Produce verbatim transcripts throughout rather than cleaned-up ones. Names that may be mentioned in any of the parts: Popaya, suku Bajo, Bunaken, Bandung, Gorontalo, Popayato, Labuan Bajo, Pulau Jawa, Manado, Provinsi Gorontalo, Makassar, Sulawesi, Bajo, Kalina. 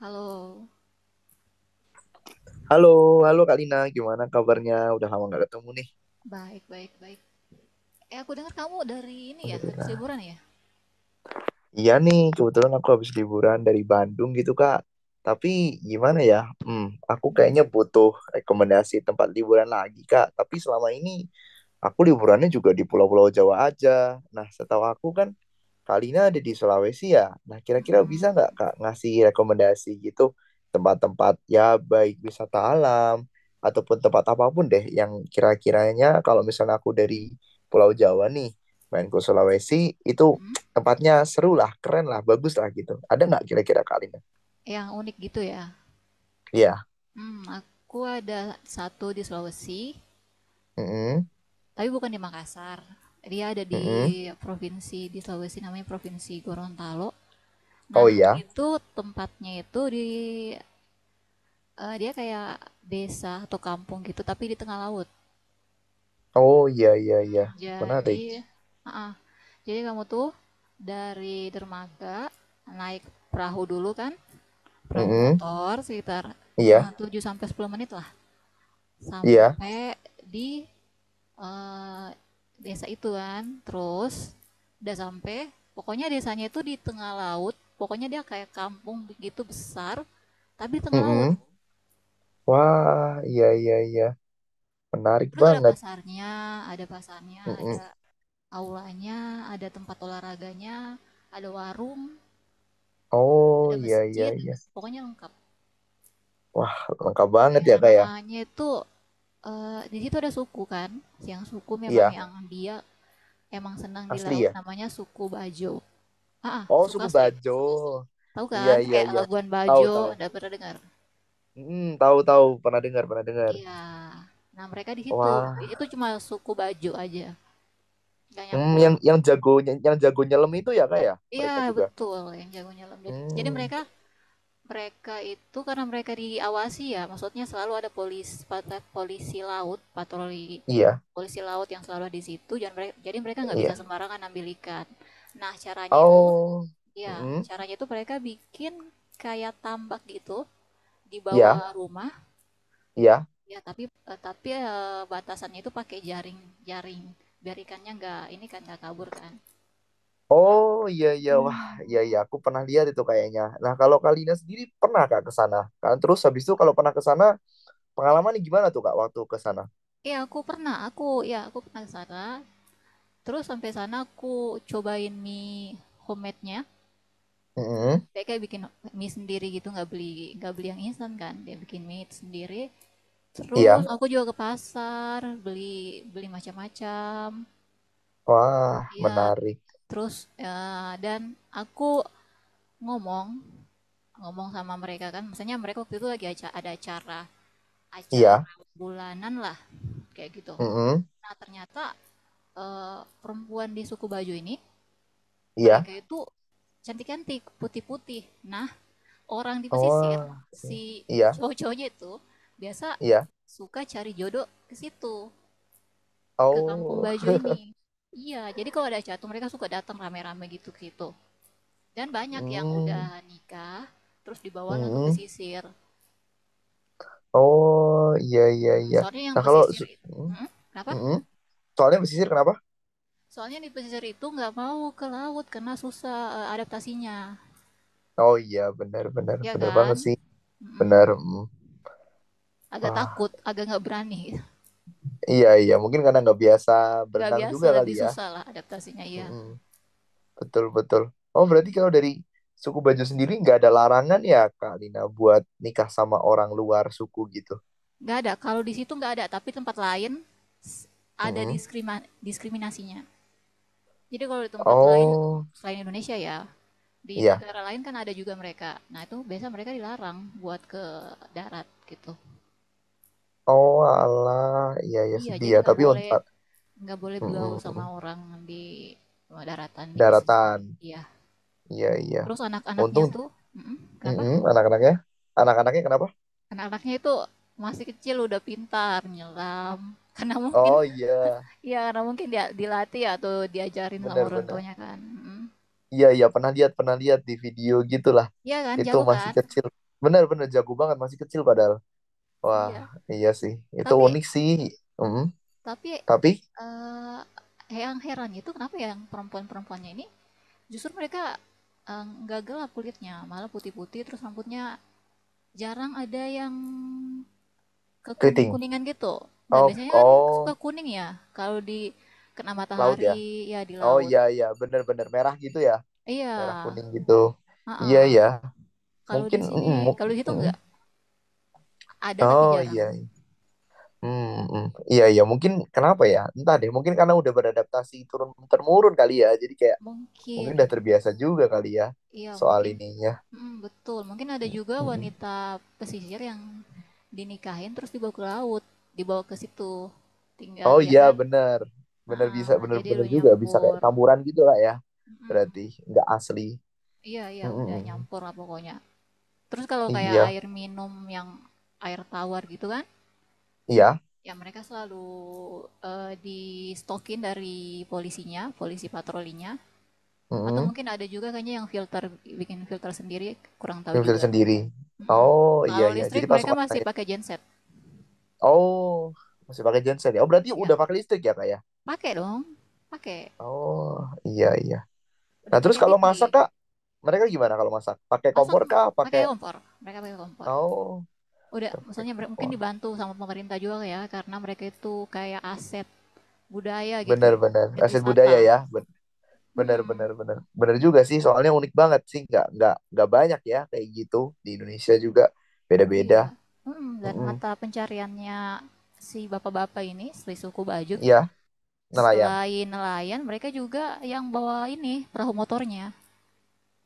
Halo, Halo, halo Kalina, gimana kabarnya? Udah lama nggak ketemu baik baik baik. Eh, aku dengar kamu dari ini ya, habis nih. liburan ya? Iya nih, kebetulan aku habis liburan dari Bandung gitu, Kak. Tapi gimana ya? Hmm, aku Mhm, kayaknya butuh rekomendasi tempat liburan lagi, Kak. Tapi selama ini aku liburannya juga di pulau-pulau Jawa aja. Nah, setahu aku kan Kalina ada di Sulawesi ya. Nah, kira-kira bisa nggak, mhm, Kak, ngasih rekomendasi gitu tempat-tempat ya baik wisata alam ataupun tempat apapun deh yang kira-kiranya kalau misalnya aku dari Pulau Jawa nih main ke Sulawesi itu mhm. tempatnya seru lah, keren lah, bagus lah gitu. Ada nggak kira-kira kali ini? Yang unik gitu ya. Iya. Hmm, aku ada satu di Sulawesi, Mm-mm. tapi bukan di Makassar. Dia ada Mm-mm. di provinsi di Sulawesi namanya Provinsi Gorontalo. Oh Nah, oh iya. iya, itu tempatnya itu di eh, dia kayak desa atau kampung gitu, tapi di tengah laut. Oh iya iya iya. Hmm, Menarik. Jadi, Jadi kamu tuh dari dermaga naik perahu dulu kan, perahu Mm-mm. motor sekitar eh, Iya. tujuh sampai sepuluh menit lah Iya. sampai di eh, desa itu kan. Terus udah sampai pokoknya desanya itu di tengah laut, pokoknya dia kayak kampung begitu besar tapi di tengah laut. Mm-mm. Wah, iya iya iya. Menarik Terus ada banget. pasarnya, ada pasarnya, ada Mm-mm. aulanya, ada tempat olahraganya, ada warung, Oh ada iya iya masjid, iya. pokoknya lengkap. Wah, lengkap banget Ya, ya kayak. namanya itu eh, di situ ada suku kan. Yang suku memang Iya, yang dia emang senang di asli laut ya. namanya suku Bajo. Ah, ah, Oh, suku suku asli. Bajo. Tahu Iya kan iya kayak iya. Labuan Tahu Bajo, tahu. udah pernah dengar? Mm, tahu tahu. Pernah dengar, pernah dengar. Iya. Nah, mereka di situ. Di Wah, situ cuma suku Bajo aja, nggak Hmm, nyampur. yang yang jago yang jago nyelam itu ya kak ya Iya, mereka juga. betul yang jago nyelam. Jadi, jadi Hmm, mereka mereka itu karena mereka diawasi ya, maksudnya selalu ada polis pat- polisi laut, patroli iya, polisi laut yang selalu ada di situ, jadi mereka nggak bisa iya. sembarangan ambil ikan. Nah, caranya itu Oh, ya mm, caranya itu mereka bikin kayak tambak gitu di iya, bawah rumah, iya. ya. Tapi eh, tapi eh, batasannya itu pakai jaring jaring biar ikannya nggak ini kan nggak kabur kan. Oh, iya, iya. Wah, iya, iya. Aku pernah lihat itu kayaknya. Nah, kalau Kalina sendiri pernah Kak ke sana? Kan terus habis itu kalau pernah ke sana, pengalamannya gimana tuh Kak waktu ke sana? Iya aku pernah, aku ya aku pernah ke sana. Terus sampai sana aku cobain mie homemade-nya. Mm, Dia kayak bikin mie sendiri gitu, nggak beli nggak beli yang instan kan. Dia bikin mie sendiri. Terus iya. aku juga ke pasar beli beli macam-macam. Wah, Iya, menarik. terus ya, dan aku ngomong ngomong sama mereka kan, misalnya mereka waktu itu lagi aca- ada acara Iya. acara bulanan lah kayak gitu. Mm, Nah ternyata eh, perempuan di suku Bajo ini iya. mereka itu cantik-cantik, putih-putih. Nah orang di pesisir, Wah, si iya, cowok-cowoknya itu biasa iya. suka cari jodoh ke situ, ke Kampung Oh, Bajo ini. Iya, jadi kalau ada jatuh mereka suka datang rame-rame gitu-gitu. Dan banyak yang udah mm, nikah, terus dibawalah ke mm. pesisir. Oh, iya, iya, iya. Soalnya yang Nah, kalau pesisir so- itu, hmm? mm, Kenapa? mm. Soalnya pesisir kenapa? Soalnya di pesisir itu nggak mau ke laut karena susah eh, adaptasinya, Oh iya, benar benar ya benar kan? banget sih, Mm-mm. benar. Mm. Agak Wah, takut, agak nggak berani, iya iya, mungkin karena nggak biasa nggak berenang biasa, juga lebih kali ya. susah lah adaptasinya ya. Mm-mm. Betul betul. Oh berarti kalau dari suku Bajo sendiri nggak ada larangan ya Kak Lina buat nikah sama orang luar suku gitu. Nggak ada, kalau di situ nggak ada, tapi tempat lain s- ada Mm-mm. diskrima- diskriminasinya. Jadi kalau di tempat lain Oh selain Indonesia ya, di iya, negara lain kan ada juga mereka. Nah itu biasa mereka dilarang buat ke darat gitu. oh alah, iya iya Iya, sedih jadi ya. nggak Tapi boleh unt- ah, nggak boleh mm-mm. bergaul sama orang di eh, daratan di pesisir sendiri. Daratan, Iya. iya iya. Terus anak-anaknya Untung tuh, mm-mm, kenapa? mm-mm, anak-anaknya, anak-anaknya kenapa? Anak-anaknya itu masih kecil udah pintar nyelam. Karena mungkin, Oh iya, ya karena mungkin dia dilatih atau diajarin sama benar orang benar. tuanya kan. Mm-mm. Iya iya pernah lihat pernah lihat di video gitulah. Iya kan, Itu jago masih kan? kecil. Benar-benar jago banget masih kecil padahal. Wah, Iya. iya sih. Itu Tapi unik sih. Mm, tapi tapi eh yang heran itu kenapa yang perempuan-perempuannya ini justru mereka eh, nggak gelap kulitnya, malah putih-putih, terus rambutnya jarang ada yang keriting. kekuning-kuningan gitu, nggak Oh, biasanya kan suka oh, kuning ya kalau di kena laut ya. matahari, ya di Oh laut. iya iya, benar-benar merah gitu ya. Iya Merah kuning gitu. Iya ha-ha. iya. Kalau Mungkin di sini, mm, mu- kalau di situ mm. nggak ada tapi Oh jarang, iya. hmm Mm, mm. Iya iya, mungkin kenapa ya? Entah deh, mungkin karena udah beradaptasi turun temurun kali ya. Jadi kayak mungkin mungkin udah terbiasa juga kali ya iya soal mungkin. ininya. Mm, betul, mungkin ada juga Mm, mm. wanita pesisir yang dinikahin terus dibawa ke laut, dibawa ke situ tinggal, Oh ya iya kan. bener, Ah, bener bisa, ah, jadi lu bener-bener juga bisa kayak nyampur. campuran gitu lah ya. Mm. Berarti nggak asli. Iya, iya, udah Mm-mm. nyampur lah pokoknya. Terus kalau kayak Iya, air minum yang air tawar gitu kan, iya. ya mereka selalu eh, di stokin dari polisinya, polisi patrolinya. Atau Mm-mm. mungkin ada juga kayaknya yang filter, bikin filter sendiri, kurang tahu Yang bisa juga. sendiri. Mm-mm. Oh iya Kalau iya. Jadi listrik mereka pasukan masih saya. pakai genset. Oh masih pakai genset ya. Oh berarti Iya, udah pakai listrik ya kak ya. pakai dong, pakai. Oh iya iya. Nah Udah terus pakai kalau T V. masak kak, mereka gimana kalau masak? Pakai Masak kompor kak? Pakai? pakai kompor, mereka pakai kompor. Oh Udah, udah pakai maksudnya mere- mungkin kompor. dibantu sama pemerintah juga ya, karena mereka itu kayak A C budaya gitu, Bener bener. objek Aset wisata. budaya ya. Benar, Mm-mm, benar, benar. Benar juga sih, soalnya unik banget sih. Nggak, nggak, nggak banyak ya kayak gitu. Di Indonesia juga beda-beda. iya. Mm-mm, dan Mm-mm. mata pencariannya si bapak-bapak ini, si suku Bajuk, Iya, nelayan. selain nelayan, mereka juga yang bawa ini perahu motornya.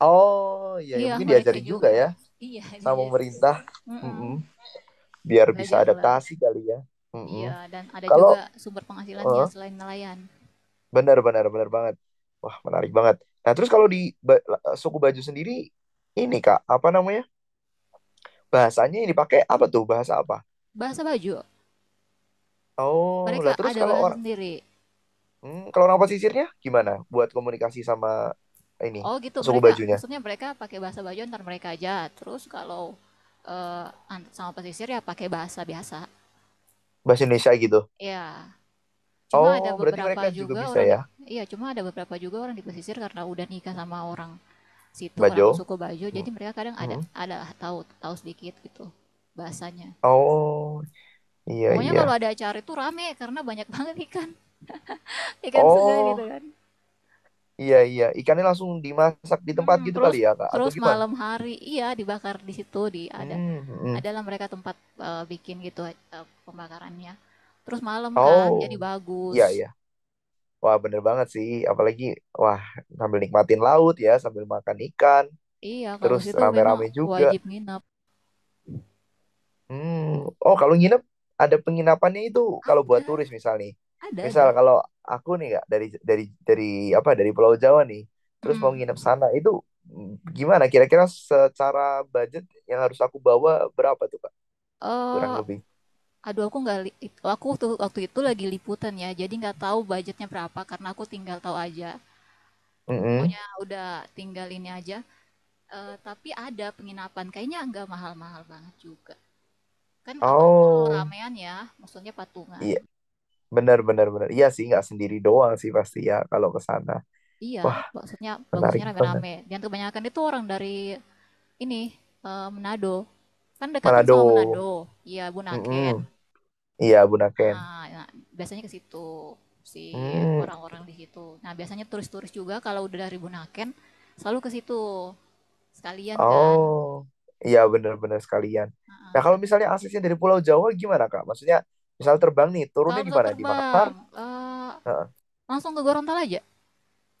Oh, iya, ya. Iya, Mungkin mereka diajarin juga juga. ya Iya, sama diajar juga. pemerintah. Mm-mm, Mm-mm. Biar bisa belajar lah. adaptasi kali ya. Iya, Mm-mm. dan ada Kalau, juga sumber penghasilannya eh, selain nelayan. benar, benar, benar banget. Wah, menarik banget. Nah, terus kalau di Menarik. Ba- Suku Bajo sendiri, ini Kak, apa namanya? Bahasanya yang dipakai apa tuh? Bahasa apa? Bahasa Bajo, Oh, mereka lah terus ada kalau bahasa orang sendiri. Hmm, kalau nama pesisirnya gimana buat komunikasi sama ini Oh gitu, suku mereka bajunya maksudnya mereka pakai bahasa Bajo antar mereka aja. Terus kalau eh, sama pesisir ya pakai bahasa biasa. bahasa Indonesia gitu. Ya, cuma ada Oh, berarti beberapa mereka juga juga bisa orang di ya, iya, cuma ada beberapa juga orang di pesisir karena udah nikah sama orang situ, orang Bajo. suku Bajo, Hmm, jadi mereka kadang ada hmm. ada tahu tahu sedikit gitu bahasanya. Oh, iya Pokoknya kalau iya. ada acara itu rame karena banyak banget ikan ikan segar gitu Oh, kan. iya iya. Ikannya langsung dimasak di tempat Mhm, gitu terus kali ya, Kak? Atau terus gimana? malam hari iya, dibakar di situ, di ada Hmm, hmm. adalah mereka tempat, eee, bikin gitu, eee, pembakarannya. Terus malam kan, Oh, jadi bagus. iya iya. Wah, bener banget sih. Apalagi, wah, sambil nikmatin laut ya, sambil makan ikan, Iya, kalau terus situ memang rame-rame juga. wajib nginep. Hmm, oh kalau nginep ada penginapannya itu kalau buat turis Ada misal nih. ada Misal ada, kalau aku nih kak dari dari dari apa dari Pulau Jawa nih, terus mau mhm. nginep sana itu mm, gimana? Kira-kira secara budget yang harus aku bawa berapa tuh kak? Kurang Eee, lebih. aduh, aku nggak li it aku tuh waktu itu lagi liputan ya, jadi nggak tahu budgetnya berapa karena aku tinggal tahu aja. Mm-mm. Pokoknya udah tinggal ini aja, eee, tapi ada penginapan, kayaknya nggak mahal-mahal banget juga. Kan apalagi kalau Oh ramean ya, maksudnya patungan. iya benar benar benar. Iya sih nggak sendiri doang sih pasti ya kalau ke sana. Iya, Wah maksudnya bagusnya menarik banget. rame-rame. Dan kebanyakan itu orang dari ini eh, Manado. Kan dekatan sama Manado. Manado. Iya, Bunaken. Mm-mm. Iya Bunaken. Ah, nah, biasanya ke situ si Hmm. orang-orang di situ. Nah, biasanya turis-turis juga kalau udah dari Bunaken selalu ke situ sekalian kan. Oh, iya benar-benar sekalian. Ah, ah, Nah, kalau karena misalnya dekat. aksesnya dari Pulau Jawa gimana, Kak? Maksudnya, misal terbang nih, Kalau turunnya di pesawat mana? Di Makassar? terbang, eh, Heeh. langsung ke Gorontalo aja.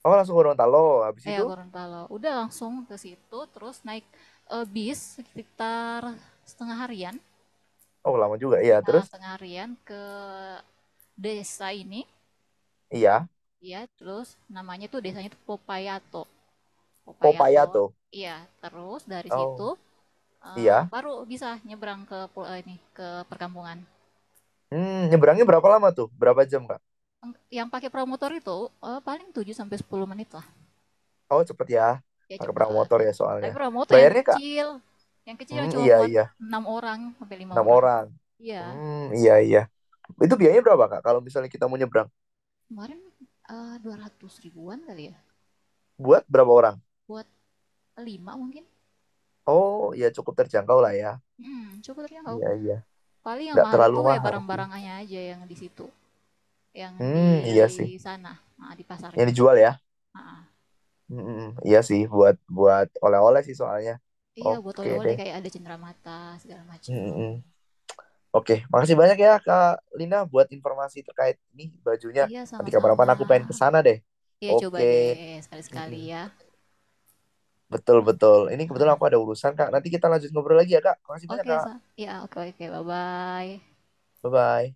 Oh, langsung ke Gorontalo. Habis Iya, itu, Gorontalo. Udah langsung ke situ, terus naik eh, bis sekitar setengah harian. oh lama juga. Iya, Nah, terus, setengah harian ke desa ini, iya, ya. Terus namanya tuh desanya tuh Popayato. Popayato. Popaya tuh. Iya, terus dari situ Oh, eh, iya. baru bisa nyebrang ke pul- eh, ini ke perkampungan. Hmm, nyebrangnya berapa lama tuh? Berapa jam, Kak? Yang- Yang pakai promotor itu eh, paling tujuh sampai sepuluh menit lah. Oh, cepet ya. Ya Pakai perahu cepat. motor ya Tapi soalnya. promotor yang Bayarnya, Kak? kecil, yang kecil yang Hmm, cuma iya, muat iya. enam orang sampai lima Enam orang. orang. Iya. Hmm, iya, iya. Itu biayanya berapa, Kak? Kalau misalnya kita mau nyebrang, Kemarin uh, dua ratus ribuan kali ya buat berapa orang? buat lima mungkin. Oh, ya cukup terjangkau lah ya. Hmm, coba terjangkau, Iya, iya. paling yang Nggak mahal terlalu itu ya mahal sih. barang-barangnya aja yang di situ, yang di Hmm, iya sih. sana, ah, di Yang pasarnya. dijual ya? Ah, ah. Hmm, hmm, hmm. Iya sih buat buat oleh-oleh sih soalnya. Iya, buat Oke oleh-oleh deh. kayak ada cenderamata segala Hmm, macam. hmm, hmm. Oke, makasih banyak ya Kak Lina buat informasi terkait ini bajunya. Iya, Nanti sama-sama. kapan-kapan aku pengen ke sana deh. Iya, coba Oke. deh Hmm, sekali-sekali hmm. ya. Betul Oke, betul. Ini kebetulan aku ada urusan Kak. Nanti kita lanjut ngobrol lagi ya Kak. Makasih banyak oke, Kak. Sa. Iya, oke oke, bye bye. Bye bye.